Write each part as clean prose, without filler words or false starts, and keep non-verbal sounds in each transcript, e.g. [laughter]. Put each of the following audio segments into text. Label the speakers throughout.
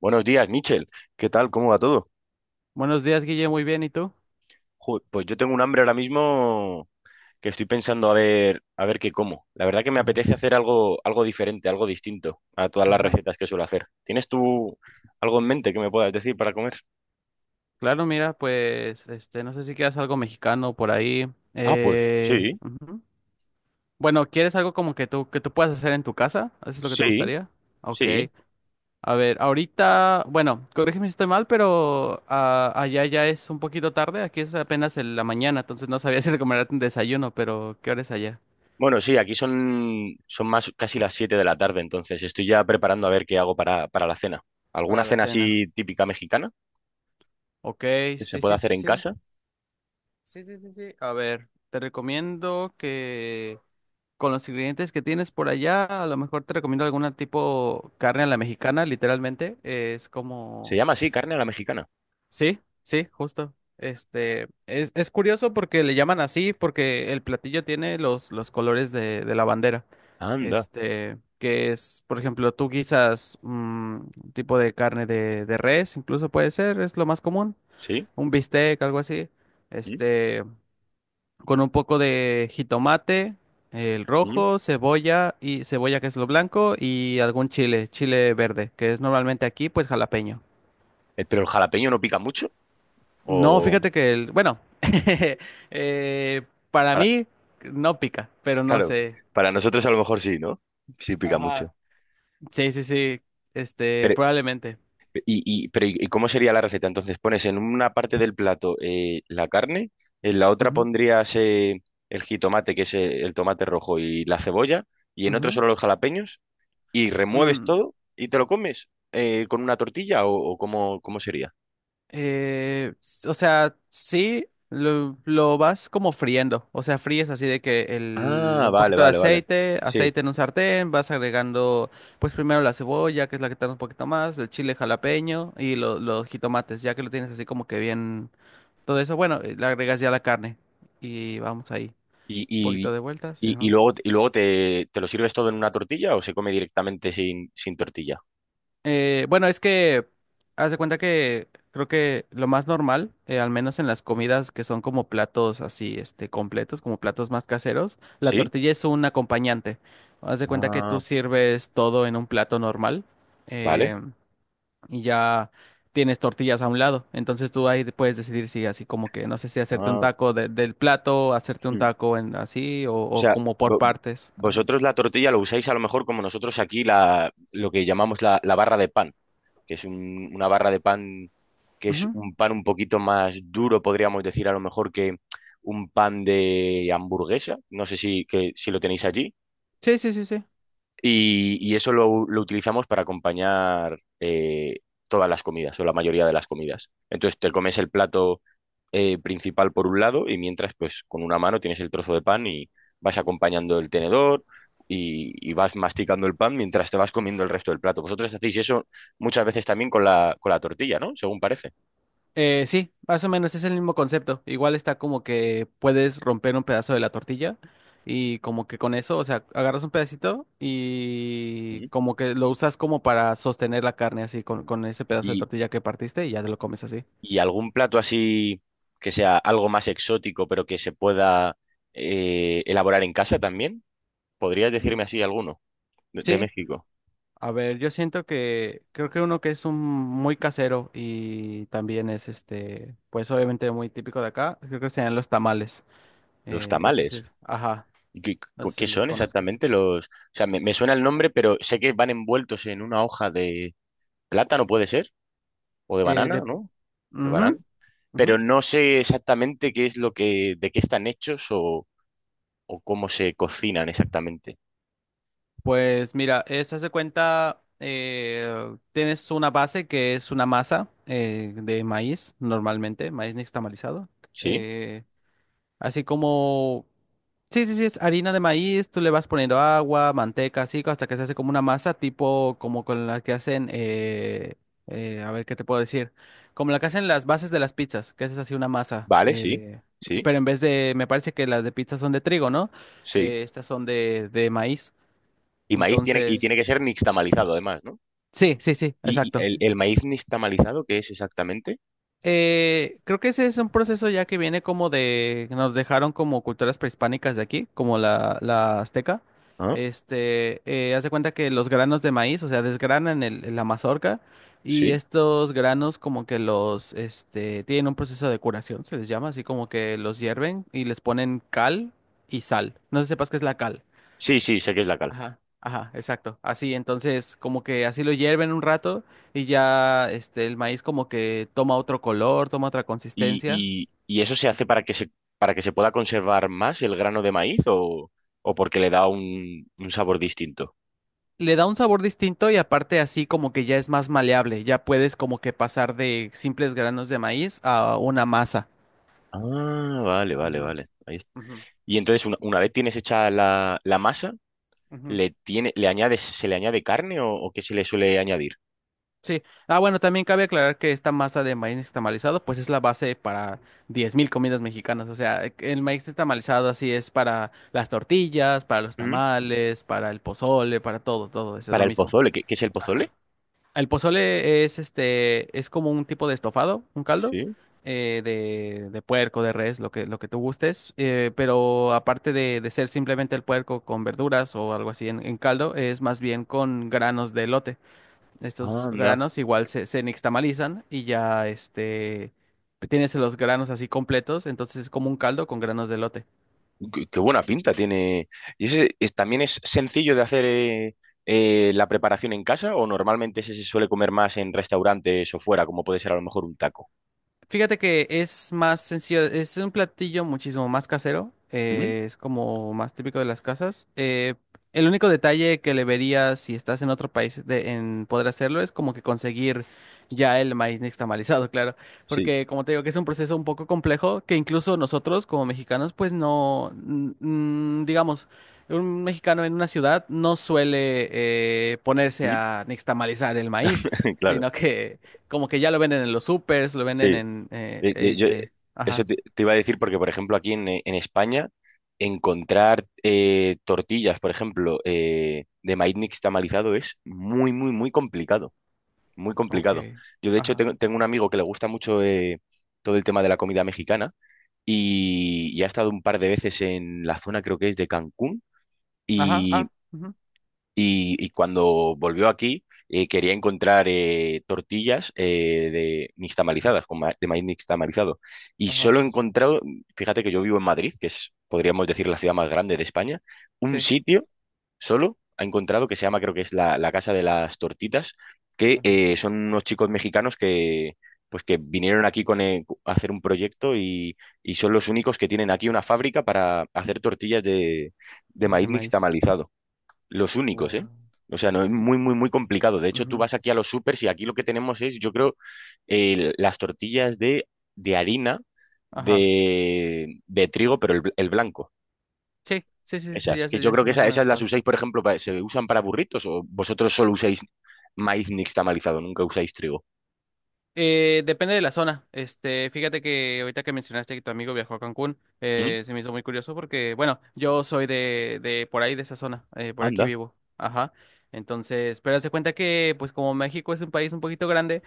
Speaker 1: Buenos días, Michel. ¿Qué tal? ¿Cómo va todo?
Speaker 2: Buenos días, Guille, muy bien, ¿y tú?
Speaker 1: Pues yo tengo un hambre ahora mismo que estoy pensando a ver qué como. La verdad que me
Speaker 2: Ujú,
Speaker 1: apetece hacer algo, algo diferente, algo distinto a todas las
Speaker 2: ujú.
Speaker 1: recetas que suelo hacer. ¿Tienes tú algo en mente que me puedas decir para comer?
Speaker 2: Claro, mira, pues, este, no sé si quieres algo mexicano por ahí.
Speaker 1: Ah, pues sí,
Speaker 2: Ujú. Bueno, ¿quieres algo como que tú puedas hacer en tu casa? ¿Eso es lo que te
Speaker 1: sí,
Speaker 2: gustaría? Ok.
Speaker 1: sí.
Speaker 2: A ver, ahorita, bueno, corrígeme si estoy mal, pero ah, allá ya es un poquito tarde, aquí es apenas en la mañana, entonces no sabía [laughs] si recomendarte un desayuno, pero ¿qué hora es allá?
Speaker 1: Bueno, sí, aquí son más casi las 7 de la tarde, entonces estoy ya preparando a ver qué hago para la cena. ¿Alguna
Speaker 2: Para la
Speaker 1: cena
Speaker 2: cena.
Speaker 1: así típica mexicana
Speaker 2: Ok,
Speaker 1: que se
Speaker 2: sí,
Speaker 1: pueda
Speaker 2: sí,
Speaker 1: hacer
Speaker 2: sí,
Speaker 1: en
Speaker 2: sí.
Speaker 1: casa?
Speaker 2: Sí, sí, sí, sí. A ver, te recomiendo que con los ingredientes que tienes por allá, a lo mejor te recomiendo alguna tipo carne a la mexicana, literalmente. Es
Speaker 1: Se
Speaker 2: como.
Speaker 1: llama así, carne a la mexicana.
Speaker 2: Sí, sí, justo. Este, es curioso porque le llaman así, porque el platillo tiene los colores de la bandera.
Speaker 1: Anda,
Speaker 2: Este, que es, por ejemplo, tú guisas un tipo de carne de res, incluso puede ser, es lo más común.
Speaker 1: sí.
Speaker 2: Un bistec, algo así. Este, con un poco de jitomate, el
Speaker 1: ¿Mm?
Speaker 2: rojo, cebolla y cebolla que es lo blanco y algún chile, chile verde, que es normalmente aquí pues jalapeño.
Speaker 1: Pero el jalapeño no pica mucho,
Speaker 2: No,
Speaker 1: o
Speaker 2: fíjate que el, bueno, [laughs] eh, para
Speaker 1: para-
Speaker 2: mí no pica, pero no
Speaker 1: claro,
Speaker 2: sé.
Speaker 1: para nosotros a lo mejor sí, ¿no? Sí pica mucho.
Speaker 2: Ajá. Sí, sí, sí, este,
Speaker 1: Pero,
Speaker 2: probablemente.
Speaker 1: pero ¿y cómo sería la receta? Entonces pones en una parte del plato la carne, en la otra
Speaker 2: Ujú,
Speaker 1: pondrías el jitomate, que es el tomate rojo, y la cebolla, y en otro
Speaker 2: ujú.
Speaker 1: solo los jalapeños, y remueves
Speaker 2: Mm,
Speaker 1: todo y te lo comes con una tortilla o, cómo sería.
Speaker 2: O sea, sí, lo vas como friendo. O sea, fríes así de que el,
Speaker 1: Ah,
Speaker 2: un
Speaker 1: vale,
Speaker 2: poquito de
Speaker 1: vale, vale.
Speaker 2: aceite,
Speaker 1: Sí.
Speaker 2: aceite en un sartén, vas agregando, pues primero la cebolla, que es la que tarda un poquito más, el chile jalapeño y los jitomates, ya que lo tienes así como que bien, todo eso, bueno, le agregas ya la carne y vamos ahí.
Speaker 1: ¿Y,
Speaker 2: Un
Speaker 1: y,
Speaker 2: poquito de vueltas.
Speaker 1: y luego te, te lo sirves todo en una tortilla o se come directamente sin tortilla?
Speaker 2: Bueno, es que haz de cuenta que creo que lo más normal, al menos en las comidas que son como platos así, este, completos, como platos más caseros, la
Speaker 1: ¿Sí?
Speaker 2: tortilla es un acompañante. Haz de cuenta que tú
Speaker 1: Ah,
Speaker 2: sirves todo en un plato normal,
Speaker 1: vale.
Speaker 2: eh, y ya tienes tortillas a un lado. Entonces tú ahí puedes decidir si así como que, no sé si hacerte un
Speaker 1: Ah,
Speaker 2: taco del plato, hacerte un
Speaker 1: hmm.
Speaker 2: taco en así, o,
Speaker 1: O
Speaker 2: o
Speaker 1: sea,
Speaker 2: como por
Speaker 1: vo- vo-
Speaker 2: partes. Ajá.
Speaker 1: vosotros la tortilla lo usáis a lo mejor como nosotros aquí lo que llamamos la barra de pan, que es una barra de pan que es
Speaker 2: Ujú.
Speaker 1: un pan un poquito más duro, podríamos decir a lo mejor que un pan de hamburguesa. No sé si lo tenéis allí.
Speaker 2: Sí, sí, sí, sí.
Speaker 1: Y eso lo utilizamos para acompañar todas las comidas o la mayoría de las comidas. Entonces te comes el plato principal por un lado y mientras pues con una mano tienes el trozo de pan y vas acompañando el tenedor y vas masticando el pan mientras te vas comiendo el resto del plato. Vosotros hacéis eso muchas veces también con con la tortilla, ¿no? Según parece.
Speaker 2: Sí, más o menos es el mismo concepto. Igual está como que puedes romper un pedazo de la tortilla y como que con eso, o sea, agarras un pedacito y
Speaker 1: Sí.
Speaker 2: como que lo usas como para sostener la carne así con ese pedazo de
Speaker 1: Y,
Speaker 2: tortilla que partiste y ya te
Speaker 1: y-
Speaker 2: lo comes así.
Speaker 1: y algún plato así que sea algo más exótico pero que se pueda elaborar en casa también? ¿Podrías
Speaker 2: Mm.
Speaker 1: decirme así alguno de
Speaker 2: Sí,
Speaker 1: México?
Speaker 2: a ver, yo siento que creo que uno que es un muy casero y también es este, pues obviamente muy típico de acá, creo que serían los tamales.
Speaker 1: Los
Speaker 2: Eso
Speaker 1: tamales.
Speaker 2: sí, ajá,
Speaker 1: ¿Qué,
Speaker 2: no sé
Speaker 1: qué
Speaker 2: si los
Speaker 1: son
Speaker 2: conozcas.
Speaker 1: exactamente los...? O sea, me suena el nombre, pero sé que van envueltos en una hoja de plátano, puede ser, o de
Speaker 2: Eh,
Speaker 1: banana,
Speaker 2: de,
Speaker 1: ¿no? De banana.
Speaker 2: Ujú,
Speaker 1: Pero
Speaker 2: ujú.
Speaker 1: no sé exactamente qué es lo que, de qué están hechos o cómo se cocinan exactamente.
Speaker 2: Pues mira, eso se cuenta, tienes una base que es una masa de maíz, normalmente, maíz nixtamalizado.
Speaker 1: ¿Sí?
Speaker 2: eh, así como, sí, sí, sí, es harina de maíz, tú le vas poniendo agua, manteca, así, hasta que se hace como una masa, tipo como con la que hacen, a ver qué te puedo decir, como la que hacen las bases de las pizzas, que haces así una masa
Speaker 1: Vale,
Speaker 2: eh,
Speaker 1: sí,
Speaker 2: de...
Speaker 1: sí,
Speaker 2: Pero en vez de, me parece que las de pizza son de trigo, ¿no?
Speaker 1: sí.
Speaker 2: Estas son de maíz.
Speaker 1: Y maíz tiene, y tiene
Speaker 2: Entonces.
Speaker 1: que ser nixtamalizado, además, ¿no?
Speaker 2: Sí, sí, sí,
Speaker 1: ¿Y, y
Speaker 2: exacto.
Speaker 1: el, el maíz nixtamalizado qué es exactamente?
Speaker 2: Creo que ese es un proceso ya que viene como de, nos dejaron como culturas prehispánicas de aquí, como la azteca.
Speaker 1: Ah,
Speaker 2: Este, haz de cuenta que los granos de maíz, o sea, desgranan el, la mazorca y
Speaker 1: sí.
Speaker 2: estos granos como que los, este, tienen un proceso de curación, se les llama, así como que los hierven y les ponen cal y sal. No sé si sepas qué es la cal.
Speaker 1: Sí, sí, sé que es la cal.
Speaker 2: Ajá, ajá, exacto. Así, entonces, como que así lo hierven un rato y ya este el maíz como que toma otro color, toma otra
Speaker 1: ¿Y,
Speaker 2: consistencia.
Speaker 1: y- y eso se hace para que para que se pueda conservar más el grano de maíz o porque le da un sabor distinto?
Speaker 2: Le da un sabor distinto y aparte así como que ya es más maleable, ya puedes como que pasar de simples granos de maíz a una masa.
Speaker 1: Ah, vale, vale,
Speaker 2: Ujú,
Speaker 1: vale. Ahí está.
Speaker 2: ujú,
Speaker 1: Y entonces, una vez tienes hecha la masa,
Speaker 2: ujú.
Speaker 1: ¿ le añades, se le añade carne o qué se le suele añadir?
Speaker 2: Sí. Ah, bueno, también cabe aclarar que esta masa de maíz nixtamalizado, pues es la base para 10,000 comidas mexicanas. O sea, el maíz nixtamalizado así es para las tortillas, para los
Speaker 1: ¿Mm?
Speaker 2: tamales, para el pozole, para todo, todo. Eso es
Speaker 1: Para
Speaker 2: lo
Speaker 1: el
Speaker 2: mismo.
Speaker 1: pozole, ¿ qué es el
Speaker 2: Ajá.
Speaker 1: pozole?
Speaker 2: El pozole es este, es como un tipo de estofado, un caldo
Speaker 1: Sí.
Speaker 2: de puerco, de res, lo que, tú gustes. Pero aparte de ser simplemente el puerco con verduras o algo así en caldo, es más bien con granos de elote. Estos
Speaker 1: Anda.
Speaker 2: granos igual se nixtamalizan y ya este tienes los granos así completos, entonces es como un caldo con granos de elote.
Speaker 1: Qué buena pinta tiene. ¿Y ese es, también es sencillo de hacer la preparación en casa o normalmente ese se suele comer más en restaurantes o fuera, como puede ser a lo mejor un taco?
Speaker 2: Fíjate que es más sencillo, es un platillo muchísimo más casero,
Speaker 1: ¿Mm?
Speaker 2: es como más típico de las casas. El único detalle que le vería si estás en otro país en poder hacerlo es como que conseguir ya el maíz nixtamalizado, [laughs] claro,
Speaker 1: Sí.
Speaker 2: porque como te digo que es un proceso un poco complejo que incluso nosotros como mexicanos pues no, digamos, un mexicano en una ciudad no suele ponerse
Speaker 1: ¿Mm?
Speaker 2: a nixtamalizar el maíz,
Speaker 1: [laughs] claro,
Speaker 2: sino que como que ya lo venden en los supers, lo venden
Speaker 1: sí.
Speaker 2: en
Speaker 1: Eh, eh, yo, eh,
Speaker 2: este,
Speaker 1: eso
Speaker 2: ajá.
Speaker 1: te iba a decir porque, por ejemplo, en España, encontrar tortillas, por ejemplo, de maíz nixtamalizado es muy, muy, muy complicado. Muy
Speaker 2: Ok,
Speaker 1: complicado. Yo, de hecho,
Speaker 2: ajá,
Speaker 1: tengo un amigo que le gusta mucho todo el tema de la comida mexicana y ha estado un par de veces en la zona, creo que es de Cancún.
Speaker 2: ajá,
Speaker 1: Y
Speaker 2: ah, ujú,
Speaker 1: y cuando volvió aquí quería encontrar tortillas de nixtamalizadas, con de maíz nixtamalizado. Y
Speaker 2: ajá,
Speaker 1: solo he encontrado, fíjate que yo vivo en Madrid, que es, podríamos decir, la ciudad más grande de España, un
Speaker 2: sí,
Speaker 1: sitio solo ha encontrado que se llama, creo que es la Casa de las Tortitas, que
Speaker 2: ajá,
Speaker 1: son unos chicos mexicanos que... Pues que vinieron aquí a hacer un proyecto y son los únicos que tienen aquí una fábrica para hacer tortillas de
Speaker 2: de
Speaker 1: maíz
Speaker 2: maíz.
Speaker 1: nixtamalizado. Los únicos, ¿eh?
Speaker 2: Guau.
Speaker 1: O sea, no es muy, muy, muy complicado. De hecho, tú
Speaker 2: Ujú.
Speaker 1: vas aquí a los supers y aquí lo que tenemos es, yo creo, las tortillas de harina
Speaker 2: Ajá.
Speaker 1: de trigo, pero el, el blanco.
Speaker 2: Sí, sí, sí, sí,
Speaker 1: Esas,
Speaker 2: ya
Speaker 1: que
Speaker 2: sé,
Speaker 1: yo
Speaker 2: ya
Speaker 1: creo
Speaker 2: sé
Speaker 1: que
Speaker 2: más o
Speaker 1: esas,
Speaker 2: menos
Speaker 1: las
Speaker 2: cuál.
Speaker 1: usáis, por ejemplo, ¿se usan para burritos o vosotros solo usáis maíz nixtamalizado, nunca usáis trigo?
Speaker 2: Depende de la zona. Este, fíjate que ahorita que mencionaste que tu amigo viajó a Cancún,
Speaker 1: ¿Mm?
Speaker 2: se me hizo muy curioso porque, bueno, yo soy de por ahí, de esa zona, por aquí
Speaker 1: Anda,
Speaker 2: vivo. Ajá. Entonces, pero haz de cuenta que, pues como México es un país un poquito grande,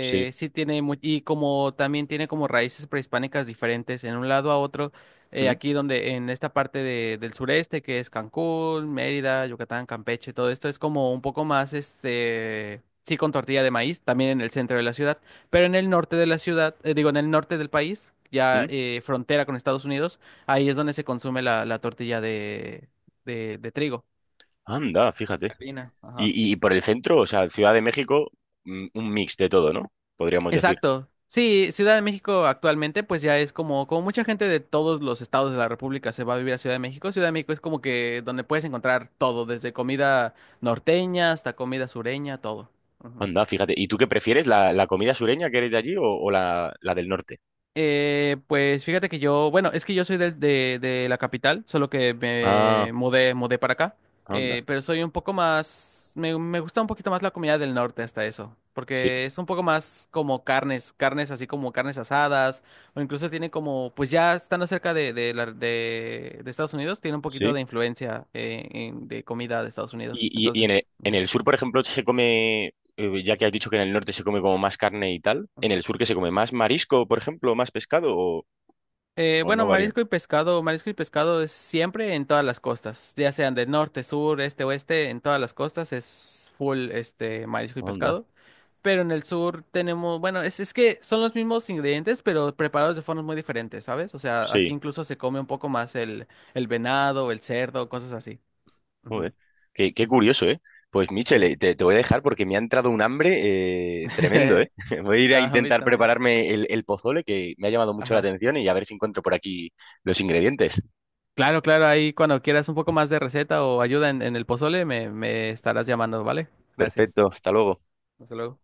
Speaker 1: sí.
Speaker 2: sí tiene y como también tiene como raíces prehispánicas diferentes en un lado a otro,
Speaker 1: ¿Mm?
Speaker 2: aquí donde, en esta parte del sureste, que es Cancún, Mérida, Yucatán, Campeche, todo esto es como un poco más, este. Sí, con tortilla de maíz, también en el centro de la ciudad. Pero en el norte de la ciudad, digo, en el norte del país, ya
Speaker 1: ¿Mm?
Speaker 2: frontera con Estados Unidos, ahí es donde se consume la tortilla de trigo.
Speaker 1: Anda, fíjate.
Speaker 2: La harina, ajá.
Speaker 1: Y por el centro, o sea, Ciudad de México, mm, un mix de todo, ¿no? Podríamos decir.
Speaker 2: Exacto. Sí, Ciudad de México actualmente, pues ya es como mucha gente de todos los estados de la República se va a vivir a Ciudad de México. Ciudad de México es como que donde puedes encontrar todo, desde comida norteña hasta comida sureña, todo. Ujú.
Speaker 1: Anda, fíjate. ¿Y tú qué prefieres? ¿ la comida sureña que eres de allí o, la del norte?
Speaker 2: Pues fíjate que yo, bueno, es que yo soy de la capital, solo que
Speaker 1: Ah,
Speaker 2: me mudé, para acá,
Speaker 1: anda.
Speaker 2: pero soy un poco más, me gusta un poquito más la comida del norte hasta eso,
Speaker 1: Sí,
Speaker 2: porque es un poco más como carnes, carnes así como carnes asadas, o incluso tiene como, pues ya estando cerca de Estados Unidos, tiene un poquito
Speaker 1: sí.
Speaker 2: de influencia de comida de Estados Unidos,
Speaker 1: ¿Y
Speaker 2: entonces.
Speaker 1: en el sur, por ejemplo, se come, ya que has dicho que en el norte se come como más carne y tal, ¿en el
Speaker 2: Ujú.
Speaker 1: sur que se come más marisco, por ejemplo, más pescado o
Speaker 2: Bueno,
Speaker 1: no varía?
Speaker 2: marisco y pescado es siempre en todas las costas, ya sean del norte, sur, este, oeste, en todas las costas es full este marisco y
Speaker 1: Anda,
Speaker 2: pescado. Pero en el sur tenemos, bueno, es que son los mismos ingredientes, pero preparados de formas muy diferentes, ¿sabes? O sea, aquí
Speaker 1: sí.
Speaker 2: incluso se come un poco más el, venado, el cerdo, cosas así. Ujú.
Speaker 1: Joder. Qué, qué curioso, ¿eh? Pues
Speaker 2: Sí.
Speaker 1: Michele, te voy a dejar porque me ha entrado un hambre tremendo,
Speaker 2: [laughs]
Speaker 1: ¿eh? [laughs] Voy a ir
Speaker 2: No,
Speaker 1: a
Speaker 2: a mí
Speaker 1: intentar
Speaker 2: también.
Speaker 1: prepararme el pozole que me ha llamado mucho la
Speaker 2: Ajá.
Speaker 1: atención y a ver si encuentro por aquí los ingredientes.
Speaker 2: Claro, claro, ahí cuando quieras un poco más de receta o ayuda en, el pozole, me estarás llamando, ¿vale? Gracias.
Speaker 1: Perfecto, hasta luego.
Speaker 2: Hasta luego.